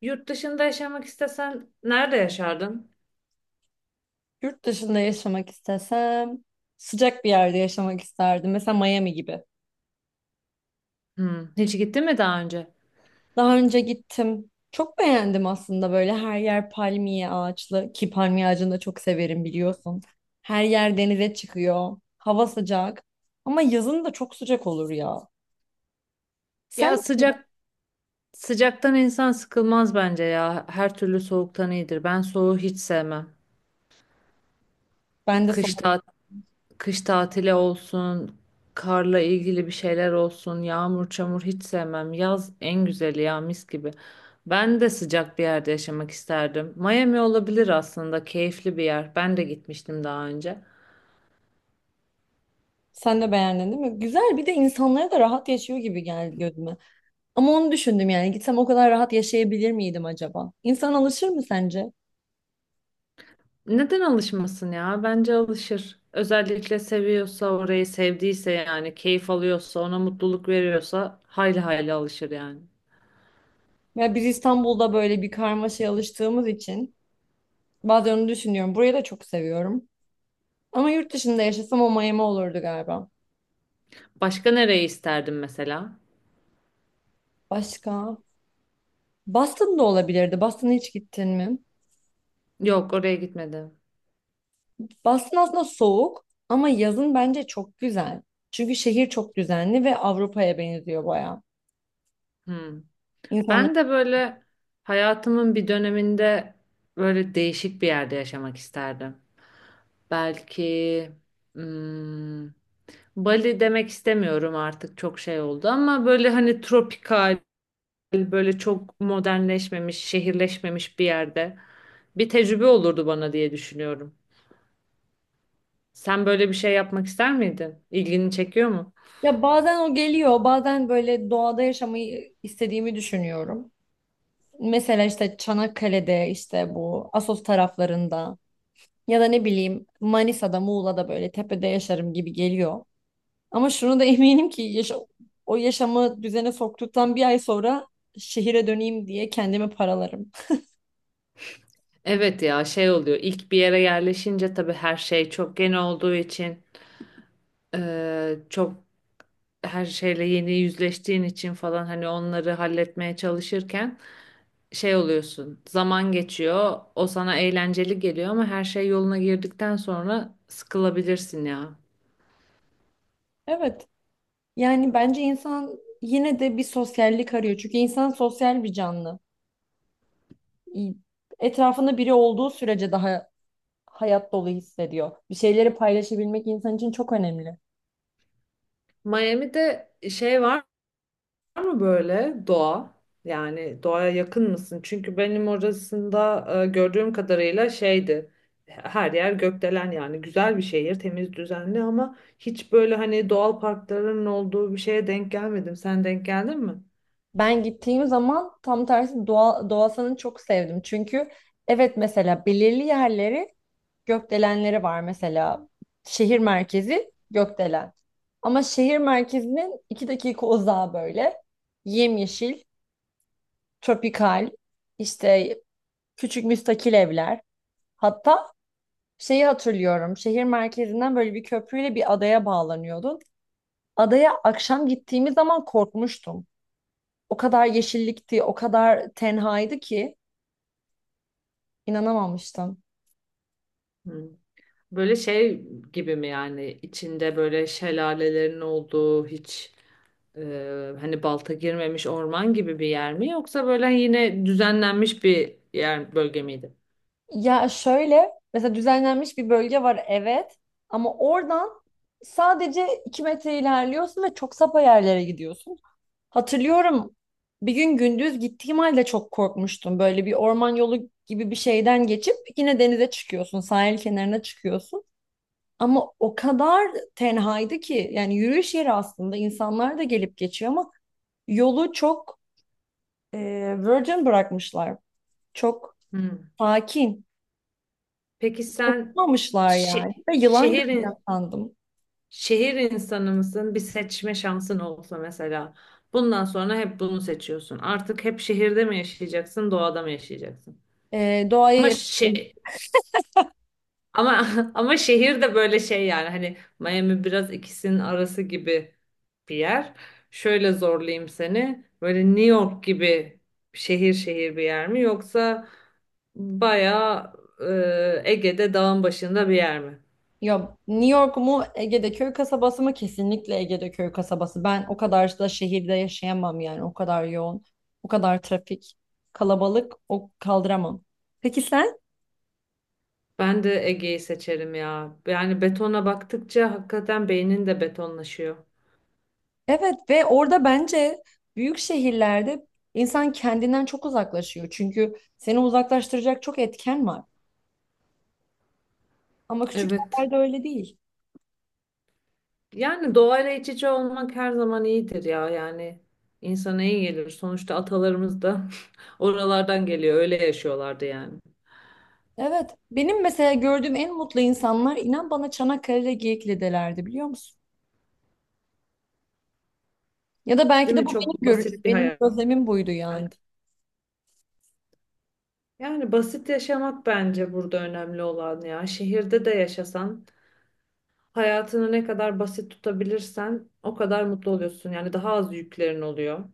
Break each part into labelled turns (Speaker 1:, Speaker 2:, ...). Speaker 1: Yurt dışında yaşamak istesen nerede yaşardın?
Speaker 2: Yurt dışında yaşamak istesem sıcak bir yerde yaşamak isterdim. Mesela Miami gibi.
Speaker 1: Hmm, hiç gittin mi daha önce?
Speaker 2: Daha önce gittim. Çok beğendim aslında, böyle her yer palmiye ağaçlı ki palmiye ağacını da çok severim biliyorsun. Her yer denize çıkıyor. Hava sıcak. Ama yazın da çok sıcak olur ya. Sen
Speaker 1: Ya sıcaktan insan sıkılmaz bence ya. Her türlü soğuktan iyidir. Ben soğuğu hiç sevmem.
Speaker 2: ben de son
Speaker 1: Kış ta kış tatili olsun, karla ilgili bir şeyler olsun, yağmur çamur hiç sevmem. Yaz en güzeli ya mis gibi. Ben de sıcak bir yerde yaşamak isterdim. Miami olabilir aslında, keyifli bir yer. Ben de gitmiştim daha önce.
Speaker 2: Sen de beğendin değil mi? Güzel, bir de insanlara da rahat yaşıyor gibi geldi gözüme. Ama onu düşündüm, yani gitsem o kadar rahat yaşayabilir miydim acaba? İnsan alışır mı sence?
Speaker 1: Neden alışmasın ya? Bence alışır. Özellikle seviyorsa orayı sevdiyse yani keyif alıyorsa ona mutluluk veriyorsa hayli hayli alışır yani.
Speaker 2: Ya biz İstanbul'da böyle bir karmaşaya alıştığımız için bazen onu düşünüyorum. Burayı da çok seviyorum. Ama yurt dışında yaşasam o Miami olurdu galiba.
Speaker 1: Başka nereye isterdim mesela?
Speaker 2: Başka? Boston da olabilirdi. Boston'a hiç gittin mi?
Speaker 1: Yok oraya gitmedim.
Speaker 2: Boston aslında soğuk, ama yazın bence çok güzel. Çünkü şehir çok düzenli ve Avrupa'ya benziyor bayağı.
Speaker 1: Hmm.
Speaker 2: İnsanların
Speaker 1: Ben de böyle hayatımın bir döneminde böyle değişik bir yerde yaşamak isterdim. Belki hmm, Bali demek istemiyorum artık çok şey oldu ama böyle hani tropikal böyle çok modernleşmemiş, şehirleşmemiş bir yerde bir tecrübe olurdu bana diye düşünüyorum. Sen böyle bir şey yapmak ister miydin? İlgini çekiyor mu?
Speaker 2: Ya bazen o geliyor, bazen böyle doğada yaşamayı istediğimi düşünüyorum. Mesela işte Çanakkale'de, işte bu Assos taraflarında, ya da ne bileyim Manisa'da, Muğla'da böyle tepede yaşarım gibi geliyor. Ama şunu da eminim ki o yaşamı düzene soktuktan bir ay sonra şehire döneyim diye kendimi paralarım.
Speaker 1: Evet ya şey oluyor. İlk bir yere yerleşince tabii her şey çok yeni olduğu için çok her şeyle yeni yüzleştiğin için falan hani onları halletmeye çalışırken şey oluyorsun. Zaman geçiyor. O sana eğlenceli geliyor ama her şey yoluna girdikten sonra sıkılabilirsin ya.
Speaker 2: Evet. Yani bence insan yine de bir sosyallik arıyor. Çünkü insan sosyal bir canlı. İ- Etrafında biri olduğu sürece daha hayat dolu hissediyor. Bir şeyleri paylaşabilmek insan için çok önemli.
Speaker 1: Miami'de şey var. Var mı böyle doğa? Yani doğaya yakın mısın? Çünkü benim orasında gördüğüm kadarıyla şeydi. Her yer gökdelen yani güzel bir şehir, temiz, düzenli ama hiç böyle hani doğal parkların olduğu bir şeye denk gelmedim. Sen denk geldin mi?
Speaker 2: Ben gittiğim zaman tam tersi doğa, doğasını çok sevdim. Çünkü evet, mesela belirli yerleri, gökdelenleri var mesela. Şehir merkezi gökdelen. Ama şehir merkezinin iki dakika uzağı böyle. Yemyeşil, tropikal, işte küçük müstakil evler. Hatta şeyi hatırlıyorum. Şehir merkezinden böyle bir köprüyle bir adaya bağlanıyordun. Adaya akşam gittiğimiz zaman korkmuştum. O kadar yeşillikti, o kadar tenhaydı ki inanamamıştım.
Speaker 1: Hmm. Böyle şey gibi mi yani içinde böyle şelalelerin olduğu hiç e, hani balta girmemiş orman gibi bir yer mi yoksa böyle yine düzenlenmiş bir bölge miydi?
Speaker 2: Ya şöyle, mesela düzenlenmiş bir bölge var, evet, ama oradan sadece 2 metre ilerliyorsun ve çok sapa yerlere gidiyorsun. Hatırlıyorum, bir gün gündüz gittiğim halde çok korkmuştum. Böyle bir orman yolu gibi bir şeyden geçip yine denize çıkıyorsun, sahil kenarına çıkıyorsun. Ama o kadar tenhaydı ki, yani yürüyüş yeri aslında, insanlar da gelip geçiyor, ama yolu çok e, virgin bırakmışlar. Çok
Speaker 1: Hmm.
Speaker 2: sakin.
Speaker 1: Peki sen
Speaker 2: Dokunmamışlar yani.
Speaker 1: şe-
Speaker 2: Ve yılan göreceğim
Speaker 1: şehir
Speaker 2: sandım.
Speaker 1: şehir insanı mısın? Bir seçme şansın olsa mesela. Bundan sonra hep bunu seçiyorsun. Artık hep şehirde mi yaşayacaksın, doğada mı yaşayacaksın?
Speaker 2: Doğaya
Speaker 1: Ama
Speaker 2: yakın.
Speaker 1: şe- Ama şehir de böyle şey yani hani Miami biraz ikisinin arası gibi bir yer. Şöyle zorlayayım seni. Böyle New York gibi şehir şehir bir yer mi yoksa bayağı Ege'de dağın başında bir yer mi?
Speaker 2: Ya New York mu, Ege'de köy kasabası mı? Kesinlikle Ege'de köy kasabası. Ben o kadar da şehirde yaşayamam yani. O kadar yoğun, o kadar trafik, kalabalık o kaldıramam. Peki sen?
Speaker 1: Ben de Ege'yi seçerim ya. Yani betona baktıkça hakikaten beynin de betonlaşıyor.
Speaker 2: Evet, ve orada bence büyük şehirlerde insan kendinden çok uzaklaşıyor. Çünkü seni uzaklaştıracak çok etken var. Ama küçük
Speaker 1: Evet.
Speaker 2: yerlerde öyle değil.
Speaker 1: Yani doğayla iç içe olmak her zaman iyidir ya yani insana iyi gelir. Sonuçta atalarımız da oralardan geliyor öyle yaşıyorlardı yani.
Speaker 2: Evet. Benim mesela gördüğüm en mutlu insanlar, inan bana, Çanakkale'de Geyikli'delerdi, biliyor musun? Ya da belki
Speaker 1: Değil
Speaker 2: de
Speaker 1: mi?
Speaker 2: bu benim
Speaker 1: Çok
Speaker 2: görüşüm.
Speaker 1: basit bir
Speaker 2: Benim
Speaker 1: hayat.
Speaker 2: gözlemim buydu yani.
Speaker 1: Yani basit yaşamak bence burada önemli olan ya. Şehirde de yaşasan hayatını ne kadar basit tutabilirsen o kadar mutlu oluyorsun. Yani daha az yüklerin oluyor.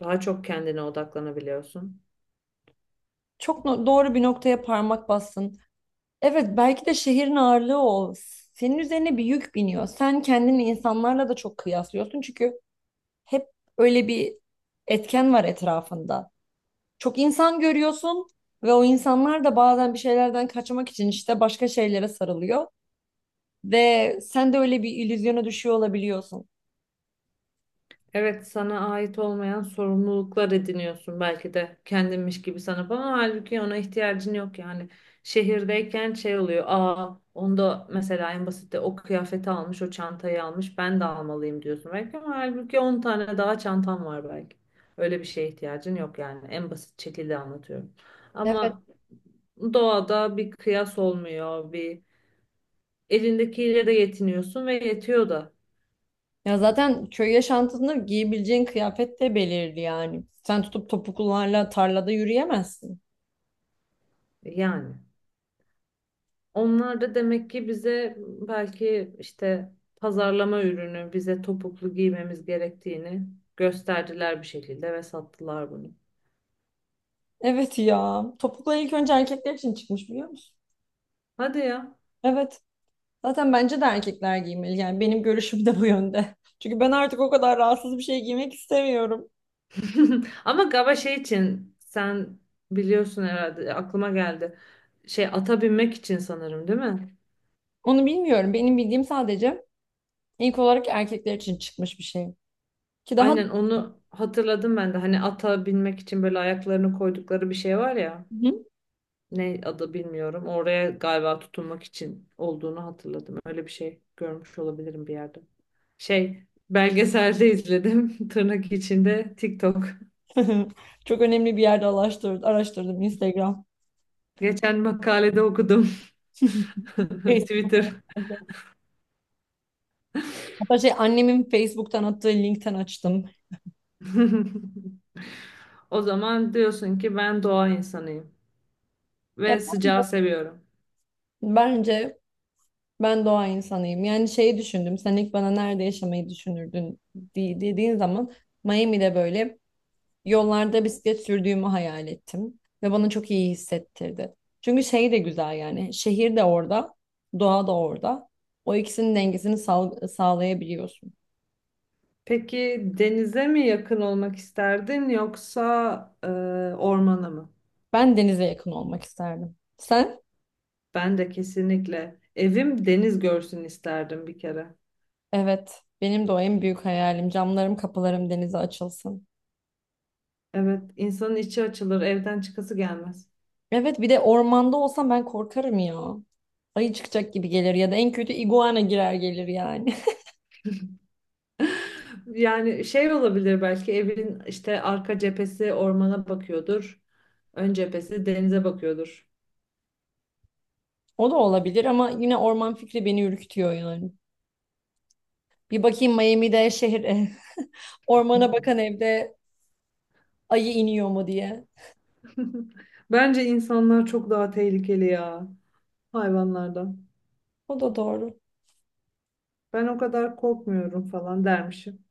Speaker 1: Daha çok kendine odaklanabiliyorsun.
Speaker 2: Çok doğru bir noktaya parmak bastın. Evet, belki de şehrin ağırlığı o. Senin üzerine bir yük biniyor. Sen kendini insanlarla da çok kıyaslıyorsun. Çünkü hep öyle bir etken var etrafında. Çok insan görüyorsun ve o insanlar da bazen bir şeylerden kaçmak için işte başka şeylere sarılıyor ve sen de öyle bir illüzyona düşüyor olabiliyorsun.
Speaker 1: Evet sana ait olmayan sorumluluklar ediniyorsun belki de kendinmiş gibi sanıp ama halbuki ona ihtiyacın yok yani. Şehirdeyken şey oluyor onda mesela en basitte o kıyafeti almış o çantayı almış ben de almalıyım diyorsun belki ama halbuki 10 tane daha çantan var belki. Öyle bir şeye ihtiyacın yok yani en basit şekilde anlatıyorum.
Speaker 2: Evet.
Speaker 1: Ama doğada bir kıyas olmuyor bir elindekiyle de yetiniyorsun ve yetiyor da
Speaker 2: Ya zaten köy yaşantısında giyebileceğin kıyafet de belirli yani. Sen tutup topuklularla tarlada yürüyemezsin.
Speaker 1: yani. Onlar da demek ki bize belki işte pazarlama ürünü, bize topuklu giymemiz gerektiğini gösterdiler bir şekilde ve sattılar bunu.
Speaker 2: Evet ya. Topuklu ilk önce erkekler için çıkmış, biliyor musun?
Speaker 1: Hadi ya.
Speaker 2: Evet. Zaten bence de erkekler giymeli. Yani benim görüşüm de bu yönde. Çünkü ben artık o kadar rahatsız bir şey giymek istemiyorum.
Speaker 1: Ama galiba şey için sen biliyorsun herhalde aklıma geldi. Şey ata binmek için sanırım değil mi?
Speaker 2: Onu bilmiyorum. Benim bildiğim sadece ilk olarak erkekler için çıkmış bir şey. Ki daha
Speaker 1: Aynen onu hatırladım ben de. Hani ata binmek için böyle ayaklarını koydukları bir şey var ya.
Speaker 2: Hı.
Speaker 1: Ne adı bilmiyorum. Oraya galiba tutunmak için olduğunu hatırladım. Öyle bir şey görmüş olabilirim bir yerde. Şey, belgeselde izledim. Tırnak içinde TikTok.
Speaker 2: Çok önemli bir yerde araştırdım Instagram,
Speaker 1: Geçen makalede okudum. Twitter.
Speaker 2: Facebook. Hatta şey, annemin Facebook'tan attığı linkten açtım.
Speaker 1: O zaman diyorsun ki ben doğa insanıyım
Speaker 2: Ya
Speaker 1: ve sıcağı
Speaker 2: bence,
Speaker 1: seviyorum.
Speaker 2: bence ben doğa insanıyım. Yani şeyi düşündüm. Sen ilk bana "Nerede yaşamayı düşünürdün?" Dediğin zaman Miami'de böyle yollarda bisiklet sürdüğümü hayal ettim ve bana çok iyi hissettirdi. Çünkü şey de güzel, yani şehir de orada, doğa da orada. O ikisinin dengesini sağlayabiliyorsun.
Speaker 1: Peki denize mi yakın olmak isterdin yoksa ormana mı?
Speaker 2: Ben denize yakın olmak isterdim. Sen?
Speaker 1: Ben de kesinlikle evim deniz görsün isterdim bir kere.
Speaker 2: Evet, benim de o en büyük hayalim. Camlarım, kapılarım denize açılsın.
Speaker 1: Evet, insanın içi açılır, evden çıkası gelmez.
Speaker 2: Evet, bir de ormanda olsam ben korkarım ya. Ayı çıkacak gibi gelir, ya da en kötü iguana girer gelir yani.
Speaker 1: Yani şey olabilir belki evin işte arka cephesi ormana bakıyordur. Ön cephesi denize bakıyordur.
Speaker 2: O da olabilir ama yine orman fikri beni ürkütüyor yani. Bir bakayım Miami'de şehir, ormana bakan evde ayı iniyor mu diye.
Speaker 1: Bence insanlar çok daha tehlikeli ya hayvanlardan.
Speaker 2: O da doğru.
Speaker 1: Ben o kadar korkmuyorum falan dermişim.